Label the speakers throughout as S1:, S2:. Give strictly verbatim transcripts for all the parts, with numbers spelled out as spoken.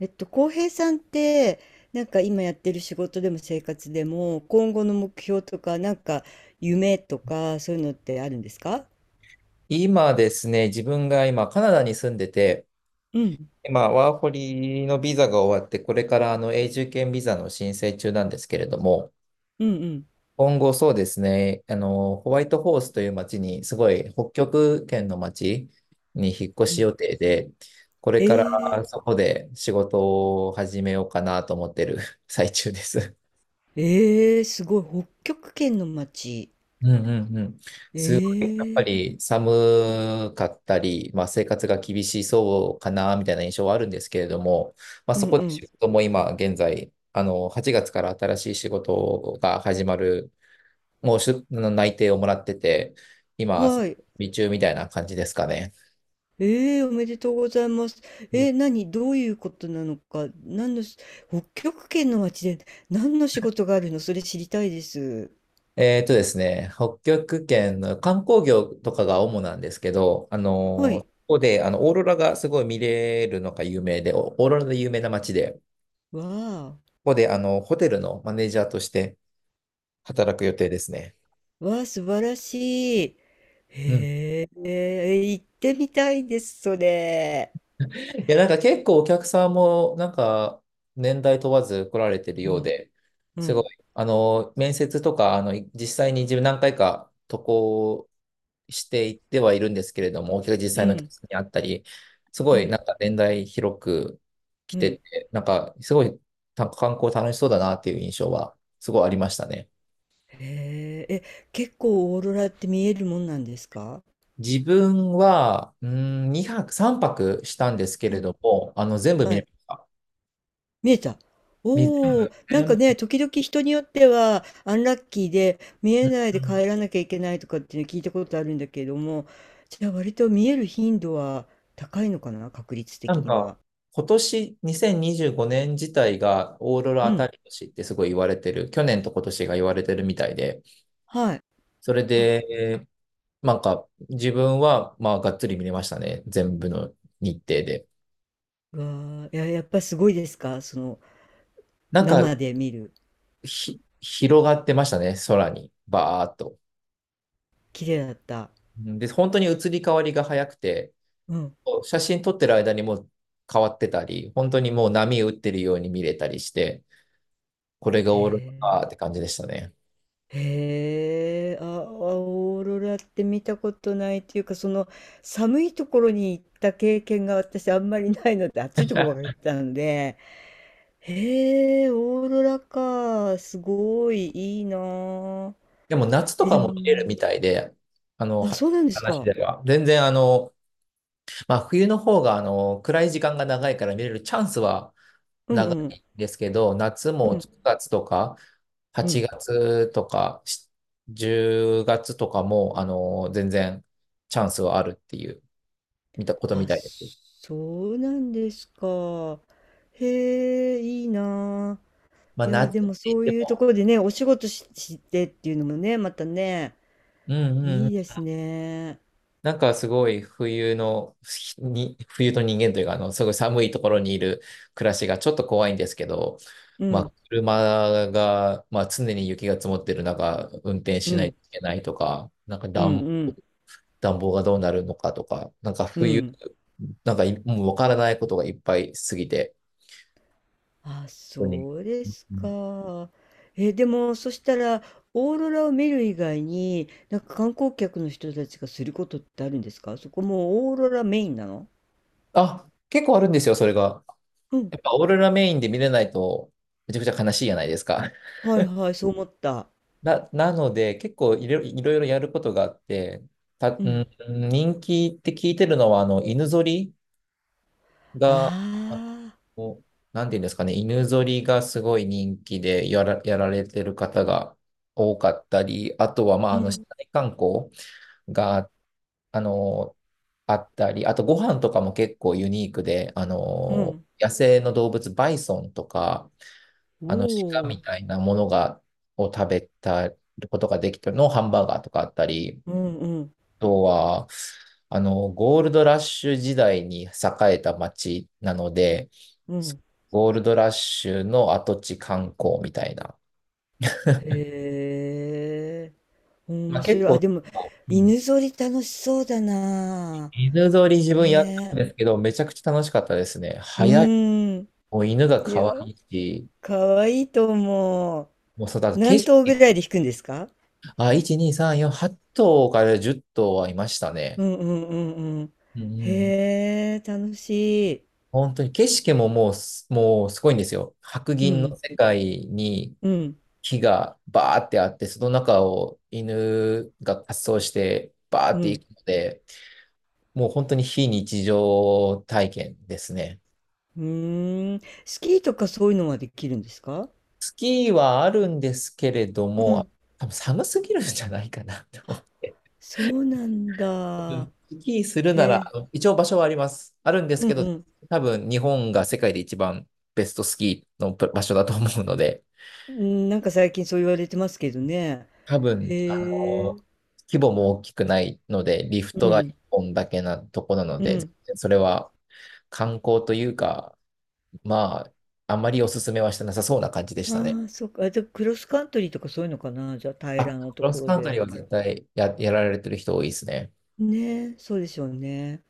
S1: えっと、浩平さんって、なんか今やってる仕事でも生活でも、今後の目標とか、なんか夢とか、そういうのってあるんですか？
S2: 今ですね、自分が今カナダに住んでて、
S1: うん、
S2: 今ワーホリのビザが終わって、これからあの永住権ビザの申請中なんですけれども、
S1: うん、うん、
S2: 今後そうですね、あの、ホワイトホースという町に、すごい北極圏の町に引っ越
S1: う
S2: し
S1: ん。
S2: 予定で、これ
S1: え
S2: か
S1: ー、
S2: らそこで仕事を始めようかなと思ってる 最中です。
S1: えー、すごい、北極圏の街。
S2: うんうんうん。
S1: え
S2: すごい、やっぱ
S1: ー、
S2: り寒かったり、まあ、生活が厳しそうかな、みたいな印象はあるんですけれども、まあ、
S1: うん、
S2: そこ
S1: う
S2: で
S1: ん。
S2: 仕事も今現在、あの、はちがつから新しい仕事が始まる、もうしゅ内定をもらってて、今、準
S1: はい。
S2: 備中みたいな感じですかね。
S1: えー、おめでとうございます。
S2: うん。
S1: えー、何、どういうことなのか、何のし、北極圏の街で何の仕事があるの、それ知りたいです。
S2: えーとですね、北極圏の観光業とかが主なんですけど、あ
S1: は
S2: の、こ
S1: い。
S2: こで、あの、オーロラがすごい見れるのが有名で、オオーロラで有名な街で、
S1: わあ。
S2: ここで、あの、ホテルのマネージャーとして働く予定ですね。
S1: わあ、素晴らしい。
S2: うん。
S1: へえ、行ってみたいです、それ。
S2: いや、なんか結構お客さんも、なんか、年代問わず来られてる
S1: う
S2: よう
S1: ん、
S2: で、
S1: う
S2: すごい、
S1: ん、
S2: あの、面接とか、あの、実際に自分何回か渡航していってはいるんですけれども、お客実
S1: う
S2: 際のお客
S1: ん、
S2: さんに会ったり、す
S1: う
S2: ごい、な
S1: ん、
S2: んか年代広く来
S1: う
S2: て
S1: ん。
S2: て、なんか、すごい、た観光楽しそうだなっていう印象は、すごいありましたね。
S1: へえ、え、結構オーロラって見えるもんなんですか？
S2: 自分は、うーん、にはく、さんぱくしたんですけ
S1: う
S2: れ
S1: ん、
S2: ども、あの、全部見
S1: は
S2: れ
S1: い。
S2: ました。
S1: 見えた。
S2: み全
S1: おお、
S2: 部、
S1: なん
S2: 全
S1: か
S2: 部
S1: ね、時々人によっては、アンラッキーで見
S2: う
S1: え
S2: ん
S1: ないで
S2: うん
S1: 帰らなきゃいけないとかっていうの聞いたことあるんだけれども、じゃあ割と見える頻度は高いのかな、確率
S2: な
S1: 的
S2: ん
S1: に
S2: か、
S1: は。
S2: 今年にせんにじゅうごねん自体がオーロ
S1: う
S2: ラ当た
S1: ん、
S2: り年ってすごい言われてる、去年と今年が言われてるみたいで、
S1: はい。
S2: それ
S1: あ、
S2: で、なんか、自分は、まあ、がっつり見れましたね。全部の日程で。
S1: わあ、いや、やっぱすごいですか？その、
S2: なんか、
S1: 生で見る、
S2: ひ、広がってましたね、空に、バーっと。
S1: 綺麗だった。
S2: うんで、本当に移り変わりが早くて、
S1: うん。
S2: 写真撮ってる間にもう変わってたり、本当にもう波打ってるように見れたりして、これがオーロラ
S1: へ
S2: かって感じでしたね。
S1: え、へえ、あ、あオーロラって見たことないっていうか、その、寒いところに行った経験が私あんまりないので、暑いところばっかり行ったので、へえ、オーロラか、すごいいいなあ。
S2: でも夏と
S1: え、
S2: か
S1: で
S2: も見れる
S1: も、
S2: みたいで、あの、
S1: あ、
S2: は
S1: そうなんです
S2: 話
S1: か。
S2: では。全然あの、まあ冬の方があの、暗い時間が長いから見れるチャンスは
S1: う
S2: 長
S1: んう
S2: い
S1: ん。
S2: んですけど、夏
S1: う
S2: も
S1: ん、
S2: くがつとか
S1: う
S2: 8
S1: ん。
S2: 月とかしじゅうがつとかも、あの、全然チャンスはあるっていう、見たことみ
S1: あ、
S2: たいです。
S1: そうなんですか。へえ、いいなあ。
S2: まあ
S1: いや、
S2: 夏っ
S1: で
S2: て
S1: も
S2: 言
S1: そう
S2: っ
S1: い
S2: て
S1: うとこ
S2: も、
S1: ろでね、お仕事し、してっていうのもね、またね、
S2: うんうんう
S1: いい
S2: ん。
S1: ですね。
S2: なんかすごい冬の、ひに、冬の人間というか、あの、すごい寒いところにいる暮らしがちょっと怖いんですけど、
S1: う
S2: ま
S1: ん、
S2: あ、車が、まあ、常に雪が積もってる中、運転
S1: う
S2: しない
S1: ん、
S2: といけないとか、なんか
S1: うん、
S2: 暖、
S1: うん、
S2: 暖房がどうなるのかとか、なんか
S1: う
S2: 冬、
S1: ん。
S2: なんかいもうわからないことがいっぱいすぎて、
S1: あ、
S2: 本当に。
S1: そうです
S2: うん
S1: か。え、でも、そしたら、オーロラを見る以外に、なんか観光客の人たちがすることってあるんですか？そこもうオーロラメインなの？
S2: あ、結構あるんですよ、それが。
S1: うん。
S2: やっぱオーロラメインで見れないと、めちゃくちゃ悲しいじゃないですか。
S1: はいはい、そう思った。
S2: な、なので、結構いろ、いろいろやることがあって、た、
S1: う
S2: うん、
S1: ん。
S2: 人気って聞いてるのは、あの、犬ぞり
S1: あ
S2: が、
S1: あ。
S2: おなんていうんですかね、犬ぞりがすごい人気でやら、やられてる方が多かったり、あとは、まあ、
S1: う
S2: あの、市
S1: ん、
S2: 内観光が、あの、あったり、あとご飯とかも結構ユニークで、あ
S1: う
S2: の、
S1: ん、
S2: 野生の動物、バイソンとか、
S1: お
S2: あの、鹿
S1: お、
S2: みたいなものが、を食べたことができたのハンバーガーとかあったり、
S1: うん、うん、
S2: とは、あの、ゴールドラッシュ時代に栄えた町なので、
S1: うん。
S2: ゴールドラッシュの跡地観光みたいな。
S1: へえ、
S2: ま
S1: 面
S2: あ、結
S1: 白い。あ、
S2: 構、
S1: でも、
S2: うん
S1: 犬ぞり楽しそうだな。
S2: 犬ぞり自分やったん
S1: ね
S2: ですけど、めちゃくちゃ楽しかったですね。
S1: え、う
S2: 早い。
S1: ん。
S2: もう犬が
S1: いや、
S2: 可愛いし、
S1: 可愛いいと思う。
S2: もうそうだ、景
S1: 何
S2: 色、
S1: 頭ぐらいで弾くんですか？
S2: あ、いち、に、さん、よん、はっとう頭からじゅっとう頭はいましたね。
S1: うんうんうんうん。
S2: うんうん
S1: へえ、楽しい。
S2: 本当に景色ももうす、もうすごいんですよ。白
S1: う
S2: 銀の
S1: ん、
S2: 世界に
S1: うん、
S2: 木がバーってあって、その中を犬が滑走してバー
S1: う
S2: って行
S1: ん。
S2: くので、もう本当に非日常体験ですね。
S1: うーん。スキーとかそういうのはできるんですか？
S2: スキーはあるんですけれど
S1: う
S2: も、
S1: ん。
S2: 多分寒すぎるんじゃないかなって思っ
S1: あ、
S2: て。
S1: そうなん
S2: う
S1: だ。
S2: んスキーするな
S1: へ
S2: ら、
S1: え。
S2: あの一応場所はあります。あるんです
S1: うん
S2: けど、
S1: うん。
S2: 多分日本が世界で一番ベストスキーの場所だと思うので、
S1: うん、なんか最近そう言われてますけどね。
S2: 多分、あ
S1: へ
S2: の、
S1: え。
S2: 規模も大きくないので、リフト
S1: う
S2: が
S1: ん。
S2: いっぽんだけなとこなの
S1: う
S2: で、
S1: ん。
S2: それは観光というか、まあ、あまりおすすめはしてなさそうな感じでしたね。
S1: ああ、そっか。あじゃあクロスカントリーとかそういうのかな。じゃあ平
S2: あ、ク
S1: らなと
S2: ロ
S1: こ
S2: ス
S1: ろ
S2: カン
S1: で
S2: ト
S1: や
S2: リ
S1: っ
S2: ーは
S1: たら。
S2: 絶対や、やられてる人多いですね。
S1: ねえ、そうでしょうね。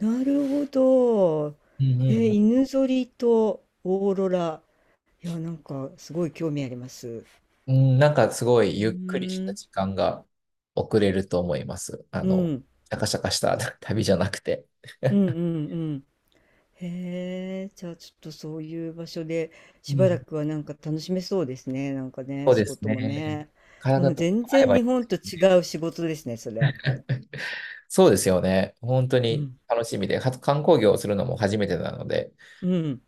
S1: なるほど。
S2: うんう
S1: え
S2: ん
S1: ー、
S2: うん。
S1: 犬ぞりとオーロラ。いや、なんかすごい興味あります。う
S2: うんなんかすごい
S1: ー
S2: ゆっくりした
S1: ん。
S2: 時間が遅れると思います。あ
S1: う
S2: の、
S1: ん。
S2: シャカシャカした 旅じゃなくて。
S1: うんうんうん、へえ、じゃあちょっとそういう場所で
S2: う
S1: しばら
S2: ん。
S1: くはなんか楽しめそうですね。なんかね、
S2: そう
S1: 仕
S2: です
S1: 事も
S2: ね。
S1: ね。も
S2: 体
S1: う
S2: とか
S1: 全
S2: 合え
S1: 然日
S2: ば
S1: 本と違う仕事ですね、それ。
S2: そうですよね。本当
S1: う
S2: に
S1: ん。
S2: 楽しみで、は観光業をするのも初めてなので、
S1: うん。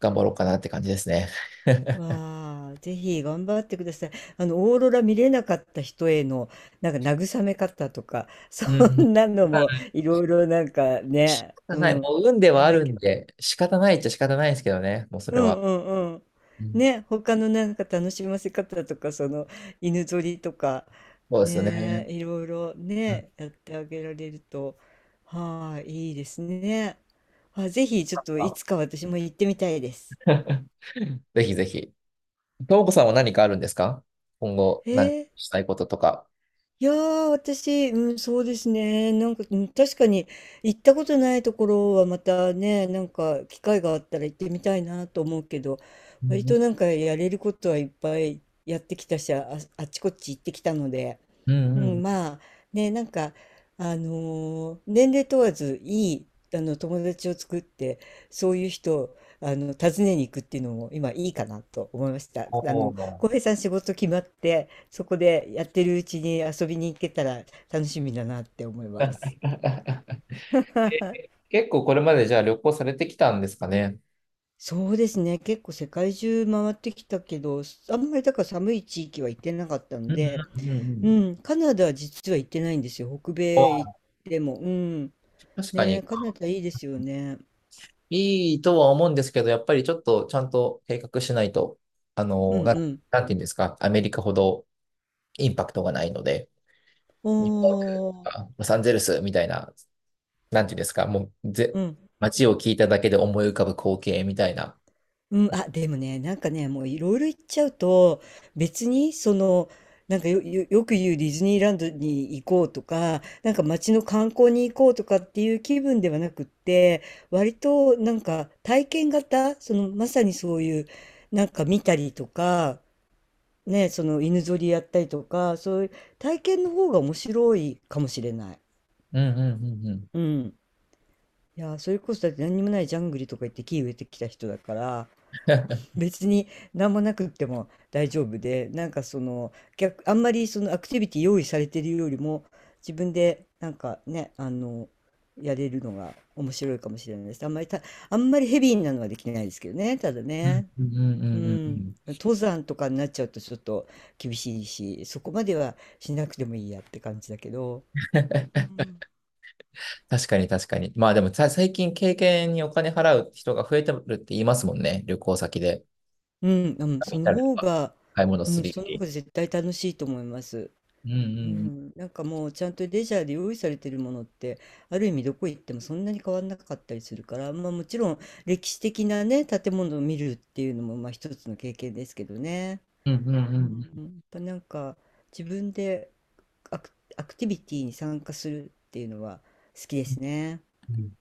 S2: 頑張ろうかなって感じですね。
S1: わあ、ぜひ頑張ってください。あの、オーロラ見れなかった人への、なんか慰め方とか、そ
S2: うん。
S1: んなの
S2: ま
S1: も
S2: あ、
S1: いろいろなんか
S2: 仕
S1: ね、
S2: 方
S1: う
S2: ない。
S1: ん。
S2: もう運ではあるんで、仕方ないっちゃ仕方ないですけどね。もうそ
S1: う
S2: れは。
S1: んうんうん。
S2: うん、
S1: ね、他のなんか楽しませ方とか、その犬ぞりとか、
S2: そうですよね。
S1: ね、いろいろ
S2: うん。
S1: ね、やってあげられると、はい、いいですね。あ、ぜひちょ
S2: ま
S1: っとい
S2: あ
S1: つか私も行ってみたいです。
S2: ぜひぜひ。ともこさんは何かあるんですか？今後、
S1: え
S2: 何か
S1: ー
S2: したいこととか。
S1: いやー、私、うん、そうですね。なんか、うん、確かに行ったことないところはまたね、なんか機会があったら行ってみたいなと思うけど、
S2: う
S1: 割と
S2: ん
S1: なんかやれることはいっぱいやってきたし、あ、あっちこっち行ってきたので、
S2: うん。
S1: う
S2: う
S1: ん、
S2: ん
S1: まあね、なんか、あのー年齢問わずいい、あの友達を作って、そういう人を、あの、訪ねに行くっていうのも今いいかなと思いました。あ
S2: お
S1: の、
S2: ー
S1: 浩平さん仕事決まって、そこでやってるうちに遊びに行けたら楽しみだなって思います。
S2: え 結構これまでじゃあ旅行されてきたんですかね。
S1: そうですね。結構世界中回ってきたけど、あんまりだから寒い地域は行ってなかった
S2: う
S1: の
S2: ん
S1: で、
S2: うんうんう
S1: う
S2: ん。
S1: ん、カナダは実は行ってないんですよ。北
S2: あ
S1: 米行っ
S2: あ、
S1: ても。うん。
S2: 確か
S1: ね、
S2: に
S1: カナダいいですよね。
S2: いいとは思うんですけど、やっぱりちょっとちゃんと計画しないと、あ
S1: う
S2: の、
S1: ん
S2: な、
S1: うん。
S2: なんていうんですか、アメリカほどインパクトがないので、
S1: お
S2: ニューヨーク
S1: ー。
S2: とかロサンゼルスみたいな、なんていうんですか、もうぜ、
S1: うん。
S2: 街を聞いただけで思い浮かぶ光景みたいな。
S1: うん、あ、でもね、なんかね、もういろいろ言っちゃうと、別に、その、なんかよ、よ、よく言うディズニーランドに行こうとか、なんか街の観光に行こうとかっていう気分ではなくって、割となんか体験型、そのまさにそういう、なんか見たりとか、ね、その犬ぞりやったりとか、そういう体験の方が面白いかもしれない。
S2: うんうんうんうん。
S1: うん。いや、それこそだって何にもないジャングリとか行って木植えてきた人だから、別に何もなくっても大丈夫で、なんかその逆、あんまりそのアクティビティ用意されてるよりも自分でなんかね、あの、やれるのが面白いかもしれないです。あんまりた、あんまりヘビーなのはできないですけどね、ただ
S2: うん
S1: ね。
S2: うんうんう
S1: う
S2: んうんう
S1: ん。
S2: ん。
S1: 登山とかになっちゃうとちょっと厳しいし、そこまではしなくてもいいやって感じだけど。うん、
S2: 確かに確かに。まあでもさ最近経験にお金払う人が増えてるって言いますもんね、旅行先で。
S1: うん、うん、
S2: 旅行
S1: そ
S2: っ
S1: の
S2: たりと
S1: 方
S2: か
S1: が、
S2: 買い物
S1: う
S2: す
S1: ん、
S2: るよ
S1: その方
S2: り。
S1: が絶対楽しいと思います。
S2: う
S1: う
S2: ん
S1: ん、なんかもうちゃんとレジャーで用意されてるものってある意味どこ行ってもそんなに変わんなかったりするから、まあ、もちろん歴史的なね建物を見るっていうのもまあ一つの経験ですけどね、
S2: うんうんうんうんう
S1: う
S2: ん
S1: ん、やっぱなんか自分でアク、アクティビティに参加するっていうのは好きですね。
S2: うん。